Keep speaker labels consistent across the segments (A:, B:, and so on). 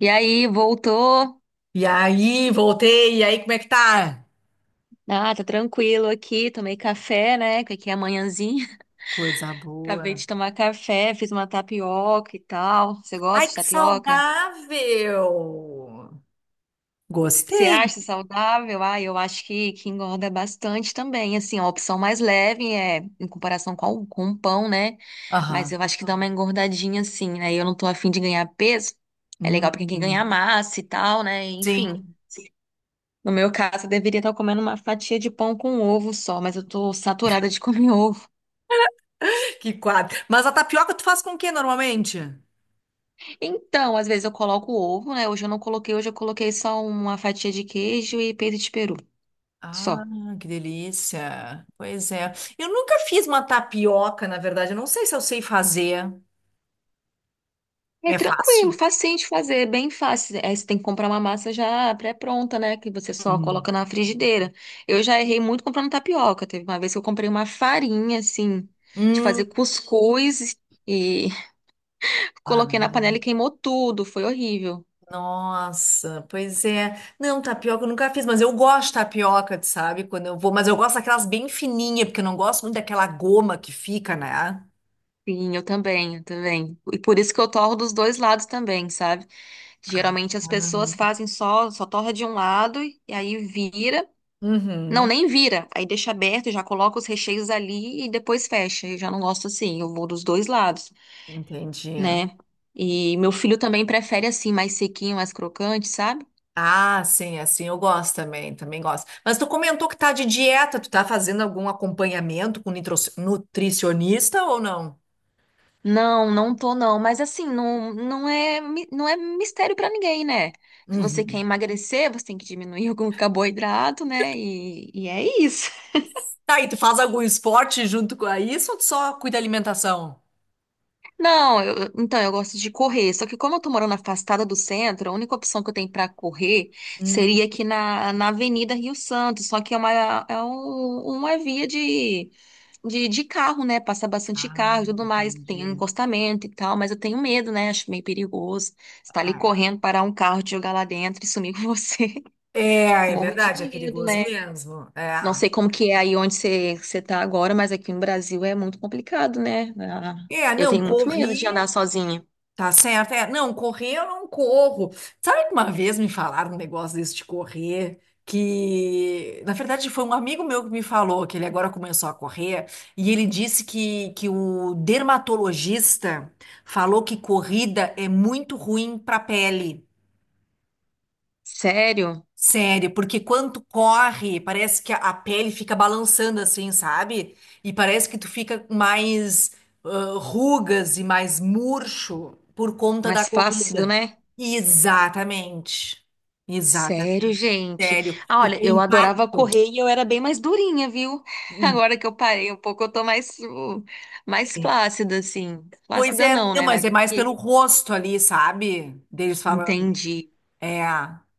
A: E aí, voltou?
B: E aí, voltei. E aí, como é que tá?
A: Ah, tá tranquilo aqui, tomei café, né? Que aqui é manhãzinha.
B: Coisa
A: Acabei
B: boa.
A: de tomar café, fiz uma tapioca e tal. Você
B: Ai,
A: gosta de
B: que
A: tapioca?
B: saudável!
A: Você
B: Gostei.
A: acha saudável? Ah, eu acho que engorda bastante também. Assim, a opção mais leve é em comparação com o pão, né? Mas
B: Aham.
A: eu acho que dá uma engordadinha assim, né? Eu não tô afim de ganhar peso. É legal pra quem quer
B: Hum.
A: ganhar massa e tal, né? Enfim.
B: Sim.
A: No meu caso, eu deveria estar comendo uma fatia de pão com ovo só, mas eu tô saturada de comer ovo.
B: Que quadro. Mas a tapioca tu faz com o que normalmente?
A: Então, às vezes eu coloco ovo, né? Hoje eu não coloquei, hoje eu coloquei só uma fatia de queijo e peito de peru.
B: Ah,
A: Só.
B: que delícia. Pois é. Eu nunca fiz uma tapioca, na verdade. Eu não sei se eu sei fazer.
A: É
B: É fácil?
A: tranquilo, facinho de fazer, é bem fácil. Aí você tem que comprar uma massa já pré-pronta, né? Que você só
B: Uhum.
A: coloca na frigideira. Eu já errei muito comprando tapioca. Teve uma vez que eu comprei uma farinha, assim, de fazer
B: Hum.
A: cuscuz e
B: Ah,
A: coloquei na panela e queimou tudo. Foi horrível.
B: nossa, pois é. Não, tapioca eu nunca fiz, mas eu gosto de tapioca, tu sabe? Quando eu vou, mas eu gosto daquelas bem fininhas, porque eu não gosto muito daquela goma que fica, né? Ah,
A: Sim, eu também, eu também. E por isso que eu torro dos dois lados também, sabe? Geralmente as pessoas
B: ah.
A: fazem só torra de um lado e aí vira. Não,
B: Uhum,
A: nem vira. Aí deixa aberto, já coloca os recheios ali e depois fecha. Eu já não gosto assim, eu vou dos dois lados,
B: entendi.
A: né? E meu filho também prefere assim, mais sequinho, mais crocante, sabe?
B: Ah, sim, assim eu gosto também, também gosto. Mas tu comentou que tá de dieta, tu tá fazendo algum acompanhamento com nutricionista ou não?
A: Não, não tô não, mas assim, não, não é, não é mistério pra ninguém, né? Se você quer
B: Uhum.
A: emagrecer, você tem que diminuir algum carboidrato, né? E é isso.
B: Tá, e tu faz algum esporte junto com isso ou tu só cuida da alimentação?
A: Não, então eu gosto de correr. Só que como eu tô morando afastada do centro, a única opção que eu tenho pra correr
B: Hum.
A: seria aqui na Avenida Rio Santos. Só que é uma, é uma via de carro, né? Passa bastante
B: Ah,
A: carro e tudo mais. Tem um
B: entendi.
A: encostamento e tal, mas eu tenho medo, né? Acho meio perigoso. Você tá ali correndo, parar um carro, te jogar lá dentro e sumir com você.
B: É, é
A: Morro de
B: verdade, é
A: medo,
B: perigoso
A: né?
B: mesmo. É,
A: Não sei como que é aí onde você tá agora, mas aqui no Brasil é muito complicado, né? Ah,
B: é,
A: eu
B: não,
A: tenho muito medo de
B: correr,
A: andar sozinha.
B: tá certo. É, não, correr eu não corro. Sabe que uma vez me falaram um negócio desse de correr, que na verdade foi um amigo meu que me falou que ele agora começou a correr, e ele disse que o dermatologista falou que corrida é muito ruim para a pele.
A: Sério?
B: Sério, porque quando corre, parece que a pele fica balançando assim, sabe? E parece que tu fica com mais ah, rugas e mais murcho por conta da
A: Mais flácido,
B: corrida.
A: né?
B: Exatamente.
A: Sério,
B: Exatamente.
A: gente.
B: Sério,
A: Ah, olha,
B: porque o
A: eu adorava
B: impacto.
A: correr e eu era bem mais durinha, viu? Agora que eu parei um pouco, eu tô mais flácida, assim.
B: Pois
A: Flácida
B: é,
A: não,
B: não,
A: né?
B: mas
A: Mas
B: é mais
A: aqui.
B: pelo rosto ali, sabe? Deles falando.
A: Entendi.
B: É,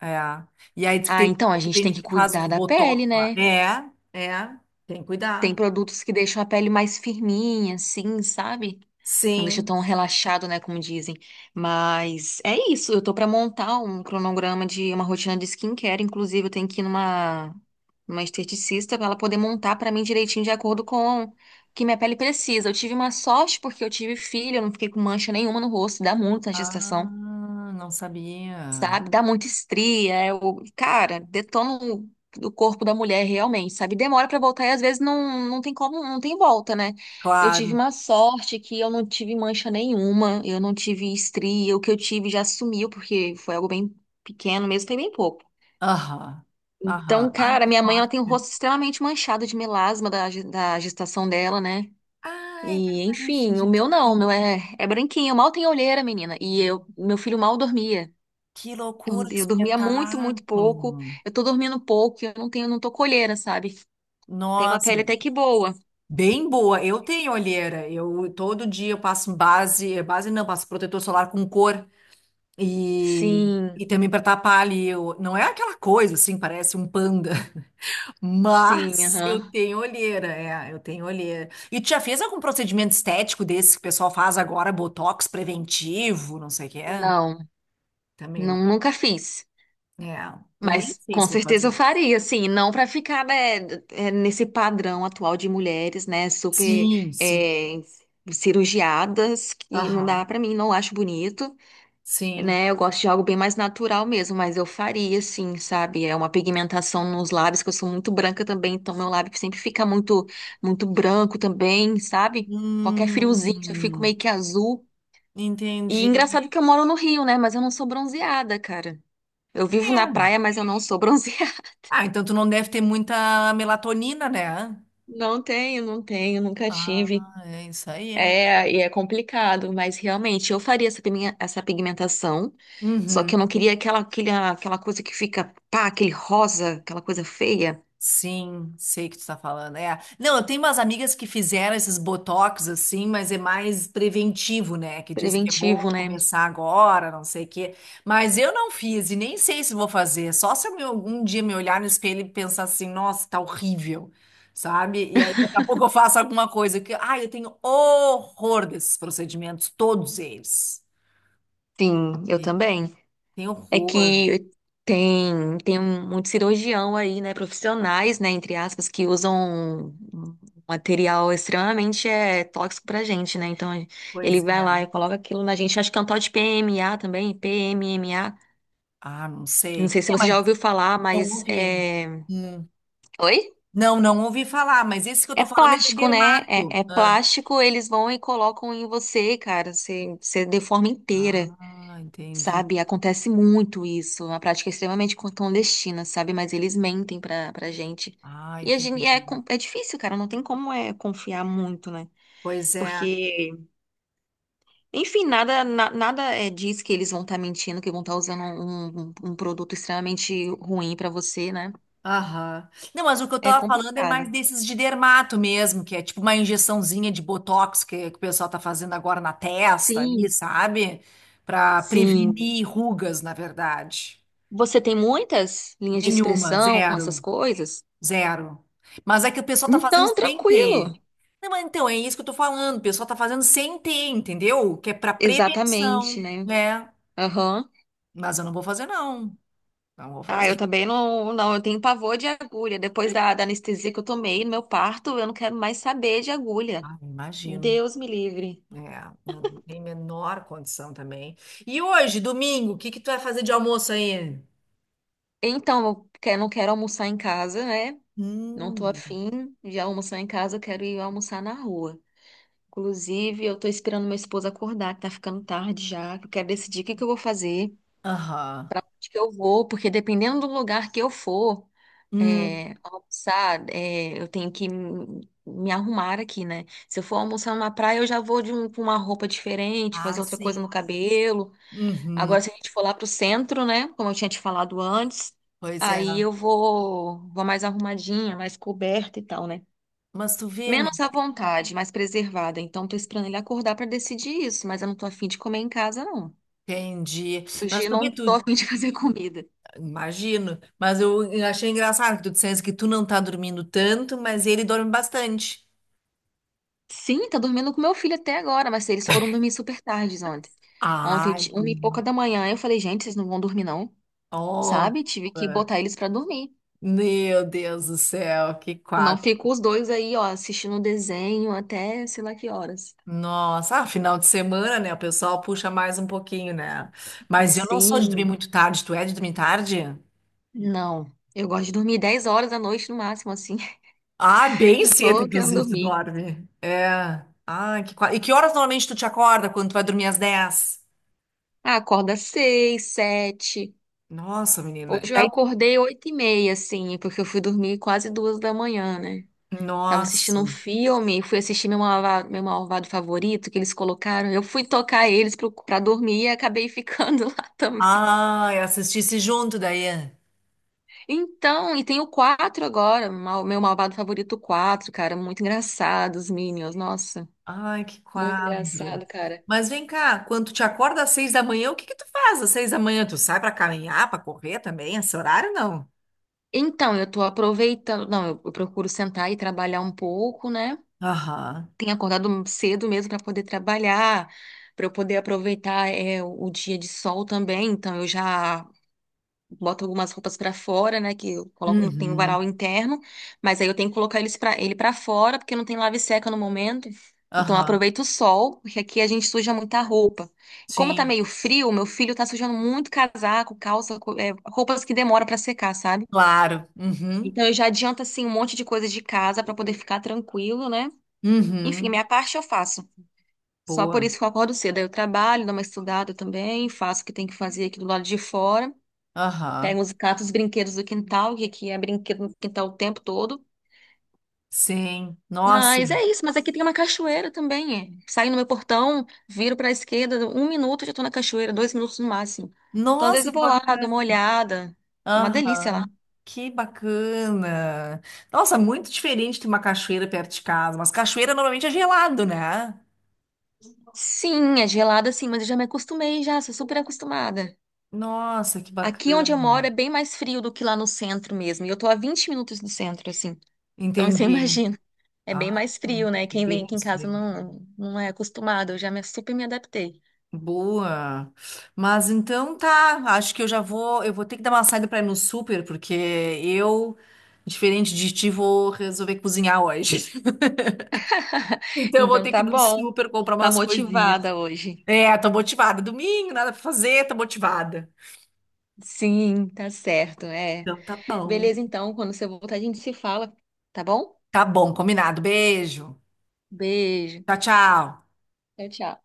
B: é. E aí diz que
A: Ah,
B: tem
A: então a
B: muita
A: gente tem
B: gente
A: que
B: que faz
A: cuidar
B: uns
A: da
B: botox
A: pele,
B: lá.
A: né?
B: É, é. Tem que
A: Tem
B: cuidar.
A: produtos que deixam a pele mais firminha, assim, sabe? Não deixa tão
B: Sim.
A: relaxado, né, como dizem. Mas é isso, eu tô pra montar um cronograma de uma rotina de skincare, inclusive eu tenho que ir numa uma esteticista para ela poder montar pra mim direitinho de acordo com o que minha pele precisa. Eu tive uma sorte porque eu tive filho, eu não fiquei com mancha nenhuma no rosto, dá muito na
B: Ah,
A: gestação,
B: não sabia.
A: sabe? Dá muita estria, é o, cara, detona o corpo da mulher realmente, sabe? Demora pra voltar e às vezes não, não tem como, não tem volta, né? Eu tive
B: Claro.
A: uma sorte que eu não tive mancha nenhuma, eu não tive estria, o que eu tive já sumiu, porque foi algo bem pequeno mesmo, foi bem pouco.
B: Aham.
A: Então,
B: Aham. Ai,
A: cara,
B: que
A: minha mãe, ela tem o
B: forte.
A: rosto extremamente manchado de melasma da, da gestação dela, né?
B: Ah, é
A: E,
B: verdade. Tem
A: enfim, o
B: gente
A: meu não, o meu
B: que.
A: é branquinho, mal tem olheira, menina. E eu, meu filho mal dormia.
B: Que
A: Eu,
B: loucura, que
A: eu dormia muito, muito pouco.
B: espetáculo.
A: Eu tô dormindo pouco, e eu não tenho, não tô colheira, sabe? Tem uma
B: Nossa,
A: pele até que boa.
B: bem boa. Eu tenho olheira. Eu todo dia eu passo base, base não, passo protetor solar com cor e, e
A: Sim,
B: também para tapar ali. Eu, não é aquela coisa assim, parece um panda.
A: sim,
B: Mas eu
A: aham.
B: tenho olheira, é, eu tenho olheira. E tu já fez algum procedimento estético desse que o pessoal faz agora, botox preventivo, não sei o que é?
A: Não,
B: Também não.
A: não, nunca fiz.
B: É, e nem
A: Mas
B: sei
A: com
B: se vou
A: certeza
B: fazer.
A: eu faria, assim, não para ficar, né, nesse padrão atual de mulheres, né, super
B: Sim, sim.
A: é, cirurgiadas, que não dá
B: Aham,
A: para mim, não acho bonito.
B: sim.
A: Né? Eu gosto de algo bem mais natural mesmo, mas eu faria, sim, sabe? É uma pigmentação nos lábios, que eu sou muito branca também, então meu lábio sempre fica muito, muito branco também, sabe? Qualquer friozinho, eu fico
B: Hum,
A: meio que azul. E
B: entendi.
A: engraçado que eu moro no Rio, né? Mas eu não sou bronzeada, cara. Eu vivo na
B: É.
A: praia, mas eu não sou bronzeada.
B: Ah, então tu não deve ter muita melatonina, né?
A: Não tenho, não tenho, nunca
B: Ah,
A: tive.
B: é isso aí, é.
A: É, e é complicado, mas realmente eu faria essa essa pigmentação, só que eu não
B: Uhum.
A: queria aquela, aquela coisa que fica, pá, aquele rosa, aquela coisa feia,
B: Sim, sei que tu tá falando. É. Não, eu tenho umas amigas que fizeram esses botox assim, mas é mais preventivo, né? Que diz que é bom
A: preventivo, né?
B: começar agora, não sei o quê. Mas eu não fiz e nem sei se vou fazer. Só se eu algum dia me olhar no espelho e pensar assim, nossa, tá horrível, sabe? E aí daqui a pouco eu faço alguma coisa que, ai, eu tenho horror desses procedimentos, todos eles.
A: Sim, eu também.
B: Tenho
A: É
B: horror.
A: que tem muito cirurgião aí, né, profissionais, né, entre aspas, que usam um material extremamente tóxico pra gente, né? Então ele
B: Pois
A: vai lá
B: é.
A: e coloca aquilo na gente, acho que é um tal de PMA também, PMMA.
B: Ah, não sei.
A: Não sei se
B: É,
A: você já
B: mas
A: ouviu falar,
B: eu não
A: mas
B: vi.
A: é.
B: Hum.
A: Oi?
B: Não, não ouvi falar, mas esse que eu tô
A: É
B: falando é da
A: plástico, né?
B: Dermato.
A: É
B: Ah,
A: plástico, eles vão e colocam em você, cara. Você deforma inteira,
B: ah, entendi.
A: sabe? Acontece muito isso. É uma prática extremamente clandestina, sabe? Mas eles mentem pra gente.
B: Ah,
A: E a gente,
B: entendi.
A: é difícil, cara. Não tem como confiar muito, né?
B: Pois é.
A: Porque, enfim, nada diz que eles vão estar mentindo, que vão estar usando um, um produto extremamente ruim pra você, né?
B: Aham. Não, mas o que eu
A: É
B: tava falando é
A: complicado.
B: mais desses de dermato mesmo, que é tipo uma injeçãozinha de botox que o pessoal tá fazendo agora na testa ali,
A: Sim.
B: sabe? Pra
A: Sim.
B: prevenir rugas, na verdade.
A: Você tem muitas linhas de
B: Nenhuma,
A: expressão, essas
B: zero.
A: coisas?
B: Zero. Mas é que o pessoal tá fazendo
A: Então,
B: sem
A: tranquilo.
B: ter. Não, mas então, é isso que eu tô falando. O pessoal tá fazendo sem ter, entendeu? Que é pra
A: Exatamente,
B: prevenção,
A: né?
B: né?
A: Aham.
B: Mas eu não vou fazer, não. Não vou
A: Ah,
B: fazer.
A: eu também não, não, eu tenho pavor de agulha. Depois da anestesia que eu tomei no meu parto, eu não quero mais saber de agulha.
B: Ah, imagino.
A: Deus me livre.
B: É, eu não tem menor condição também. E hoje, domingo, o que que tu vai fazer de almoço aí?
A: Então, eu não quero almoçar em casa, né? Não tô
B: Hum.
A: afim de almoçar em casa, eu quero ir almoçar na rua. Inclusive, eu tô esperando meu esposo acordar, que tá ficando tarde já. Que Eu quero decidir o que que eu vou fazer,
B: Aham.
A: para onde que eu vou, porque dependendo do lugar que eu for,
B: Hum.
A: almoçar, eu tenho que me arrumar aqui, né? Se eu for almoçar numa praia, eu já vou com uma roupa diferente, fazer
B: Ah,
A: outra coisa
B: sim.
A: no cabelo.
B: Uhum.
A: Agora, se a gente for lá pro centro, né? Como eu tinha te falado antes,
B: Pois é.
A: aí eu vou mais arrumadinha, mais coberta e tal, né?
B: Mas tu vê, né?
A: Menos à vontade, mais preservada. Então, tô esperando ele acordar para decidir isso, mas eu não tô afim de comer em casa, não.
B: Entendi.
A: Hoje
B: Mas
A: eu
B: tu vê,
A: não tô
B: tu,
A: afim de fazer comida.
B: imagino, mas eu achei engraçado que tu dissesse que tu não tá dormindo tanto, mas ele dorme bastante.
A: Sim, tá dormindo com meu filho até agora, mas eles foram dormir super tardes ontem. Ontem,
B: Ai,
A: uma e pouca da manhã, eu falei, gente, vocês não vão dormir não,
B: nossa,
A: sabe? Tive que botar eles pra dormir.
B: meu Deus do céu, que
A: Senão
B: quadro.
A: ficam os dois aí, ó, assistindo desenho até sei lá que horas.
B: Nossa, ah, final de semana, né? O pessoal puxa mais um pouquinho, né? Mas eu não sou de dormir
A: Sim,
B: muito tarde, tu é de dormir tarde?
A: não. Eu gosto de dormir 22h no máximo, assim.
B: Ah, bem
A: Já
B: cedo,
A: tô querendo
B: inclusive, tu
A: dormir.
B: dorme. É. Ah, que quadro. E que horas normalmente tu te acorda quando tu vai dormir às 10?
A: Ah, acorda seis, sete.
B: Nossa, menina.
A: Hoje
B: E
A: eu
B: aí,
A: acordei 8h30, assim, porque eu fui dormir quase 2h da manhã, né? Tava
B: nossa.
A: assistindo um filme, fui assistir Meu Malvado Favorito que eles colocaram. Eu fui tocar eles pra dormir e acabei ficando lá também.
B: Ah, assistisse junto, Daiane.
A: Então, e tem o 4 agora, Meu Malvado Favorito quatro, cara. Muito engraçado, os Minions, nossa.
B: Ai, que
A: Muito
B: quadro.
A: engraçado, cara.
B: Mas vem cá, quando tu te acorda às 6 da manhã, o que que tu faz às 6 da manhã? Tu sai pra caminhar, pra correr também? Esse horário, não?
A: Então, eu tô aproveitando. Não, eu procuro sentar e trabalhar um pouco, né?
B: Aham.
A: Tenho acordado cedo mesmo para poder trabalhar, para eu poder aproveitar o dia de sol também. Então, eu já boto algumas roupas pra fora, né? Que eu coloco no tem um
B: Uhum.
A: varal interno, mas aí eu tenho que colocar eles para ele para fora porque não tem lava e seca no momento. Então eu
B: Aham.
A: aproveito o sol, porque aqui a gente suja muita roupa. E como tá
B: Sim.
A: meio frio, meu filho tá sujando muito casaco, calça, roupas que demoram pra secar, sabe?
B: Claro. Uhum.
A: Então eu já adianto assim um monte de coisas de casa pra poder ficar tranquilo, né? Enfim,
B: Uhum.
A: minha parte eu faço. Só por
B: Boa.
A: isso que eu acordo cedo. Aí eu trabalho, dou uma estudada também, faço o que tem que fazer aqui do lado de fora. Pegam
B: Aham.
A: os gatos, os brinquedos do quintal, que aqui é brinquedo no quintal o tempo todo.
B: Sim. Nossa.
A: Mas é isso, mas aqui tem uma cachoeira também. É. Saio no meu portão, viro para a esquerda, um minuto já estou na cachoeira, dois minutos no máximo. Então, às vezes
B: Nossa,
A: eu
B: que
A: vou lá, dou
B: bacana.
A: uma olhada. Uma delícia lá.
B: Aham. Que bacana. Nossa, muito diferente de uma cachoeira perto de casa. Mas cachoeira normalmente é gelado, né?
A: Sim, é gelada sim, mas eu já me acostumei já, sou super acostumada.
B: Nossa, que
A: Aqui
B: bacana.
A: onde eu moro é bem mais frio do que lá no centro mesmo. E eu tô a 20 minutos do centro, assim. Então você
B: Entendi.
A: imagina, é bem
B: Ah,
A: mais frio, né?
B: e
A: Quem
B: bem
A: vem aqui em
B: mais
A: casa
B: frio.
A: não, não é acostumado, eu já me, super me adaptei.
B: Boa. Mas então tá, acho que eu já vou, eu vou ter que dar uma saída para ir no super, porque eu, diferente de ti, vou resolver cozinhar hoje. Então eu vou
A: Então
B: ter que ir
A: tá
B: no
A: bom.
B: super comprar
A: Tá
B: umas coisinhas.
A: motivada hoje.
B: É, tô motivada. Domingo, nada pra fazer, tô motivada.
A: Sim, tá certo, é.
B: Então tá bom.
A: Beleza, então, quando você voltar, a gente se fala, tá bom?
B: Tá bom, combinado. Beijo.
A: Beijo.
B: Tchau, tchau.
A: Tchau, tchau.